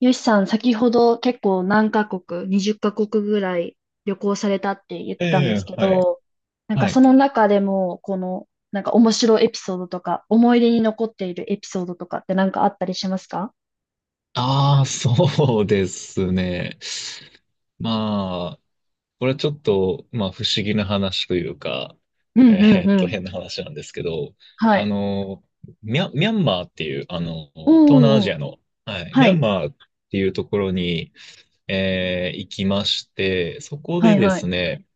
よしさん、先ほど結構何カ国、20カ国ぐらい旅行されたって言ってえたんですえ、けはい、ど、なんかはそい。の中でも、なんか面白いエピソードとか、思い出に残っているエピソードとかってなんかあったりしますか？ああ、そうですね。まあ、これはちょっと、まあ、不思議な話というか、うんうえんうん。変な話なんですけど、はあい。の、ミャンマーっていう、お東南アーおーおジー、アの、はい、ミはャンい。マーっていうところに、行きまして、そこはでいではすい。ね、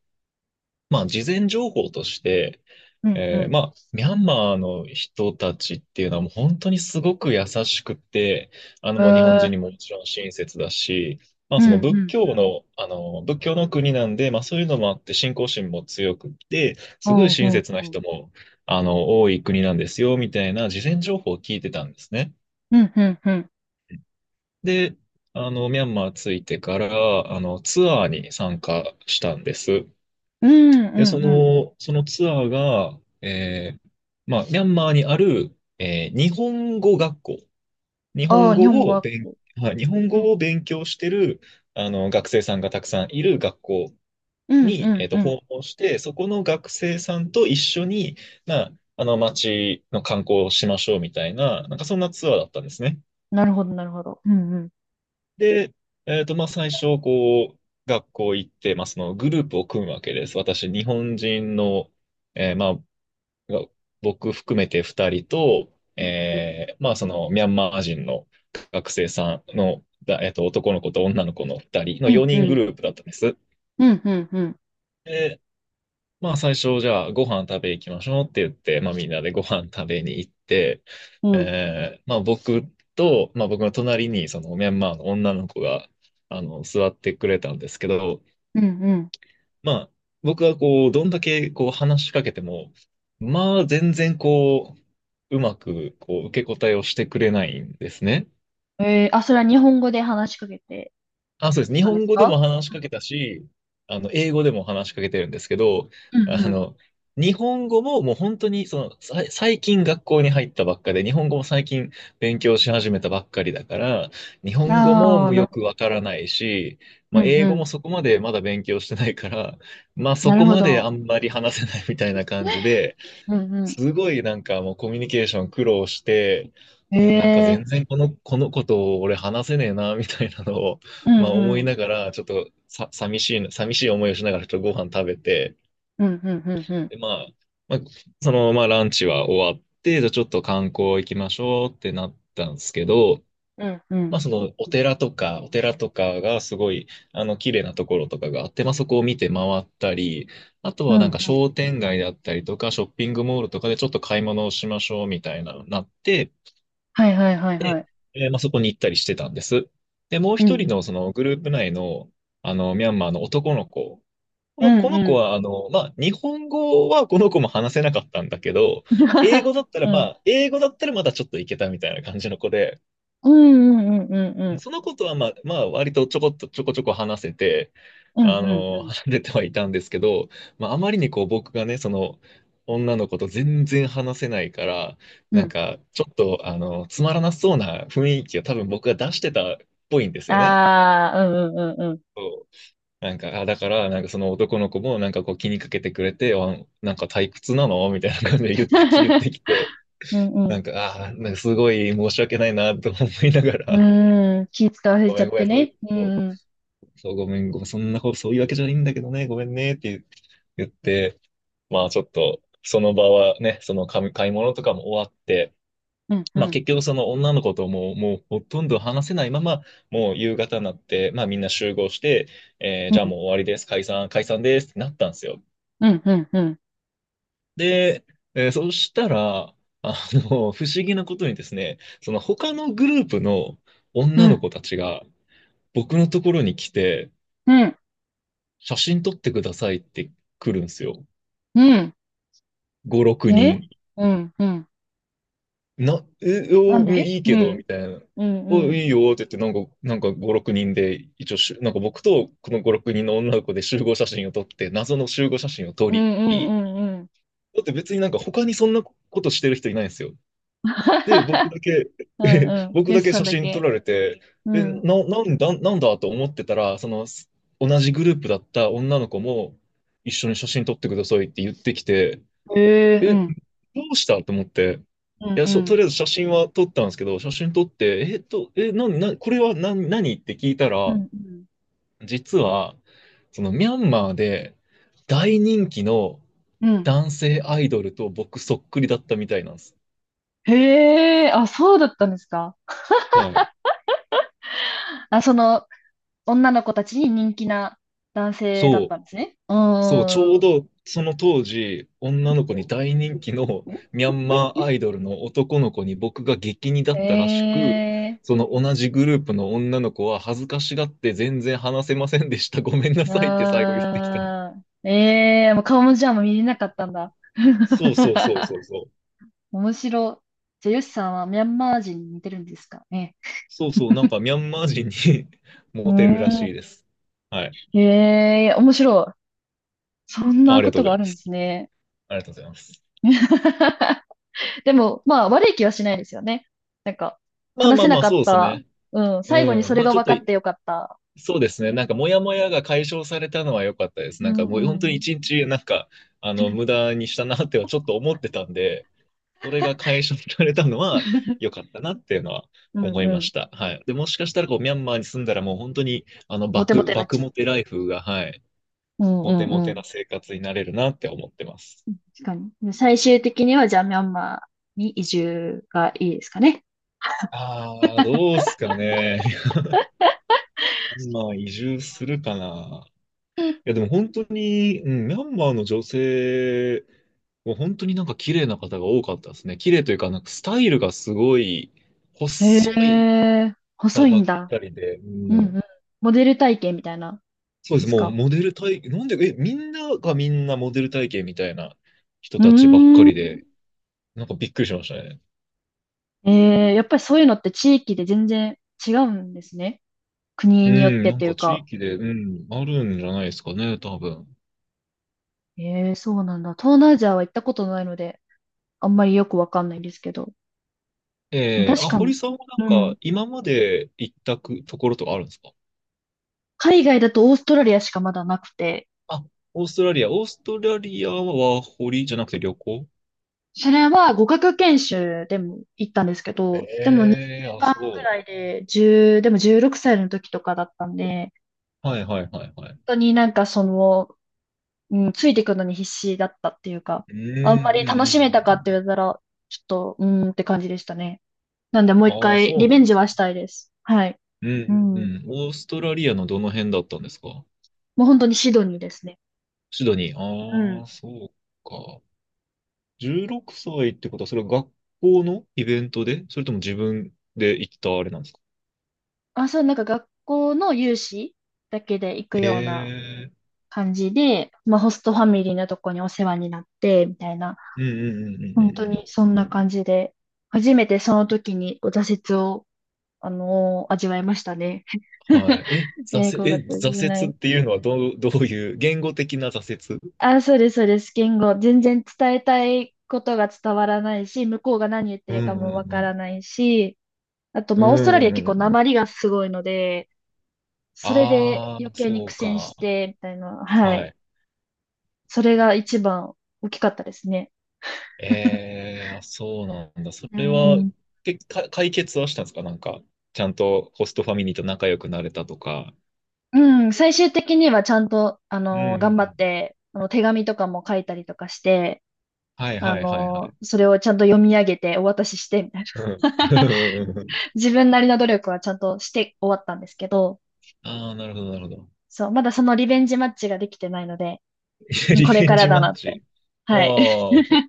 まあ、事前情報として、うんうん。ミャンマーの人たちっていうのはもう本当にすごく優しくて、えもう日本ー、人にももちろん親切だし、まあうんそうの仏ん。教の、あの、仏教の国なんで、まあそういうのもあって信仰心も強くて、うすごいんう親んうん。切なおー人も、多い国なんですよ、みたいな事前情報を聞いてたんですね。うんうんうん。で、ミャンマー着いてから、ツアーに参加したんです。うんうで、そんうん。の、そのツアーが、ミャンマーにある、日本語学校、日あ本あ、日語本語を学勉、校。はい、日本う語ん。を勉強してる、学生さんがたくさんいる学校うんうに、んうん。訪問して、そこの学生さんと一緒に、まあ、街の観光をしましょうみたいな、なんかそんなツアーだったんですね。なるほどなるほど。うんうん。で、まあ、最初、こう、学校行って、まあ、そのグループを組むわけです。私、日本人の、えーまあ、が僕含めて2人と、うんうん。そのミャンマー人の学生さんの、だえっと、男の子と女の子の2人のうん4う人グんループだったんです。うん、うん、うん。で、まあ、最初、じゃあ、ご飯食べ行きましょうって言って、まあ、みんなでご飯食べに行って、うん。僕と、まあ、僕の隣にそのミャンマーの女の子が座ってくれたんですけど、うん、うまあ、僕はこう、どんだけこう話しかけても、まあ、全然まくこう受け答えをしてくれないんですね。ん。あ、それは日本語で話しかけてあ、そうです。日たんで本す語でか？も話しかけたし、英語でも話しかけてるんですけど、うん、あうの、日本語ももう本当に、その、最近学校に入ったばっかで、日本語も最近勉強し始めたばっかりだから、日ん。本語もああ、もうなよるほくど。わからないし、うまあ、ん、英う語ん。もそこまでまだ勉強してないから、まあ、なそるこほまであど。んまり話せないみたいな感じで、うん、うすごいなんかもうコミュニケーション苦労して、ん。うんなんか全然このことを俺話せねえな、みたいなのを、うまあ思ん、ういん。ながら、ちょっとさ、寂しい思いをしながらちょっとご飯食べて、うん、うん、うん、うん。で、まあ、そのままランチは終わって、じゃあちょっと観光行きましょうってなったんですけど、うん、うまん。あそのお寺とかがすごい、綺麗なところとかがあって、まあそこを見て回ったり、あとうはなん、んかうん。商店街だったりとか、ショッピングモールとかでちょっと買い物をしましょうみたいな、のになって、はい、はい、はい、はで、い。まあそこに行ったりしてたんです。で、もうう一人ん、のそのグループ内の、ミャンマーの男の子、こうの、こん、のう子ん。は、まあ、日本語はこの子も話せなかったんだけど、うん。英 語だったら、うまん、あ、英語だったらまだちょっといけたみたいな感じの子で、うん、うん、うん、うん。そのことは、まあ、割とちょこちょこ話せて、うん、うん、うん。話せてはいたんですけど、まあ、あまりにこう、僕がね、その、女の子と全然話せないから、うんなうんん。か、ちょっと、つまらなそうな雰囲気を多分僕が出してたっぽいんですよね。ああ、うん、うん、そうなんか、あ、だから、なんかその男の子も、なんかこう気にかけてくれて、あ、なんか退屈なのみたいな感じで言っ てきて、うん、うん。うん、うなん。んか、なんかすごい申し訳ないなと思いながうら、ーん、気使わせごちゃめんっごめてん、そういう、ね。うそうん、うん、そう、ごめん、ごめん、そんな、そういうわけじゃないんだけどね、ごめんね、って言って、まあちょっと、その場はね、その買い物とかも終わって、うん、うまあん。結局その女の子とももうほとんど話せないまま、もう夕方になって、まあみんな集合して、じゃあもう終わりです、解散、解散ですってなったんですよ。うん、うん、うん、で、そしたら、不思議なことにですね、その他のグループのう女のん、子たちが僕のところに来て、うん、写真撮ってくださいって来るんですよ。うん。5、6え人。うん、うん。な、え、なお、んうんでいいうけど、ん、みたいな。うん、うお、ん、いいよって言って、なんか5、6人で、一応しゅ、なんか僕とこの5、6人の女の子で集合写真を撮って、謎の集合写真を撮うん、り、うん、うん、うん。だって別になんか他にそんなことしてる人いないんですよ。で、僕 だけ、うん、うん。僕よだしけさん写だ真撮け。られて、うえ、ん。なんだ、なんだと思ってたら、その、同じグループだった女の子も、一緒に写真撮ってくださいって言ってきて、へえ、うえ、どん、うしたと思って、ういん、や、うとん、りあえず写真は撮ったんですけど、写真撮って、え、これは何、何って聞いたうん、ら、うん。実は、そのミャンマーで大人気のうん男性アイドルと僕そっくりだったみたいなんです。へえ、あ、そうだったんですか。はい。あ、女の子たちに人気な男性だっそう、たんですね。うそう、ちょーうん。どその当時、女の子に大人気のミャンマーアイドルの男の子に僕が激似だっえたらしく、え、その同じグループの女の子は恥ずかしがって全然話せませんでした。ごめんなさいって最後言ってきた。あー、ええ、もう顔もじゃあもう見れなかったんだ。そうそうそうそ うそう。面白。じゃあ、ヨシさんはミャンマー人に似てるんですかね。そうそう、なん かミャンマー人に うモテるらーしいん。です。はい。へえ、面白い。そんなありこがとうとごがざあいまるんです。すね。ありがとうございます。でも、まあ、悪い気はしないですよね。なんか、まあ話ませあなまあ、かっそうですた。ね。うん、最後にうそん。れまあがちょっ分とかっい、てよかった。そうでですすよね。ね。なんかモヤモヤが解消されたのは良かったです。うなんかんもうう本当んうにん。一日、無駄にしたなってはちょっと思ってたんで、それが解消されたのは良 かったなっていうのはう思んいうまん。した。はい。で、もしかしたらこう、ミャンマーに住んだらもう本当に、モテモテになっ爆ちゃう。モテライフが、はい。うんうモテんモうテなん。生活になれるなって思ってます。確かに。で最終的には、じゃあ、ミャンマーに移住がいいですかね。ああ、どうすかね。ミャンマー移住するかな。いや、でも本当に、うん、ミャンマーの女性、もう本当になんか綺麗な方が多かったですね。綺麗というか、なんかスタイルがすごい、細へいえ、細方いばんっだ。かりで、うんううん。ん。モデル体験みたいなんそうでです。すもうか？モデル体、なんで、え、みんながみんなモデル体型みたいな人うたちばっかーん。りで、なんかびっくりしましたね。やっぱりそういうのって地域で全然違うんですね。国うによっん、てなんといかう地か。域で、うん、あるんじゃないですかね、多分。そうなんだ。東南アジアは行ったことないので、あんまりよくわかんないんですけど。確あ、かに。堀さんはなんうん。か、今まで行ったくところとかあるんですか。海外だとオーストラリアしかまだなくて、あ、オーストラリア。オーストラリアは堀じゃなくて旅行それは語学研修でも行ったんですけど、でも2ええ週ー、あ、間くそらう。いで、1でも16歳の時とかだったんで、はいはいはい本はい。当になんかその、うん、ついていくのに必死だったっていうか、うん、あんまうん、りう楽ん。うしめたかってん言われたら、ちょっと、うーんって感じでしたね。なんでもう一ああ、回そうリなベんンでジすはね。したいです。はい。うん、ううん、ん。うん。オーストラリアのどの辺だったんですか。もう本当にシドニーですね。シドニー。うあん。あ、そうか。16歳ってことは、それは学校のイベントで、それとも自分で行ったあれなんですか。あ、そう、なんか学校の有志だけで行くへようなえ、感じで、まあホストファミリーのとこにお世話になって、みたいな、うんうんうんうんう本当んうん。にそんな感じで、初めてその時にこう挫折を、味わいましたね。は い。え、5月じゃな挫折い。っていうのはどういう、言語的な挫折。あ、そうです、そうです。言語。全然伝えたいことが伝わらないし、向こうが何言ってうるかんうもわんかうらん。ないし、あと、うまんあ、オーストラリうアんう結んう構訛ん。りがすごいので、それでああ、余計にそ苦う戦か。して、みたいな。ははい。い。それが一番大きかったですね。ええ、あ、そうなんだ。そうれは、ん。解決はしたんですかなんか、ちゃんとホストファミリーと仲良くなれたとか。うん、最終的にはちゃんと、うんうんう頑張っん。て、手紙とかも書いたりとかして、はいはいはいはい。それをちゃんと読み上げてお渡しして、みたいうん。な。自分なりの努力はちゃんとして終わったんですけど、ああ、なるほどなるほど。そう、まだそのリベンジマッチができてないので、リこれベかンらジだマなッって。チ。ああ、はい。そ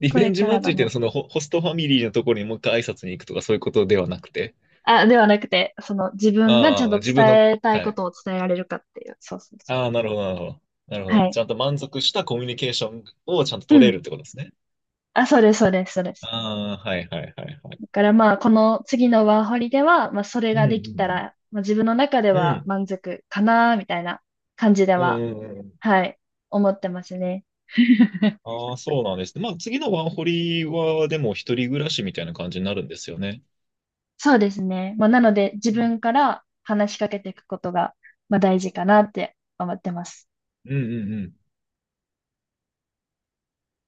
リこベれンジかマッらだチっていうのは、な。そのホストファミリーのところにもう一回挨拶に行くとか、そういうことではなくて。あ、ではなくて、その自分がちゃんああ、と自分の、伝えたいはこい。とを伝えられるかっていう。そうそうそう。ああ、なるほど、なるほど。なるほはど。い。ちゃんと満足したコミュニケーションをちゃんとう取れん。るってことですね。あ、そうです、そうです、そうです。ああ、はいはいはいはい。だからまあ、この次のワーホリでは、まあ、それうができたんら、まあ、自分の中でうはん満足かな、みたいな感じでうん。は、うん。うんうんうん。はい、思ってますね。ああ、そうなんですね。まあ、次のワンホリは、でも一人暮らしみたいな感じになるんですよね。そうですね。まあ、なので、自うん分から話しかけていくことが、まあ、大事かなって思ってます。うんうんうん。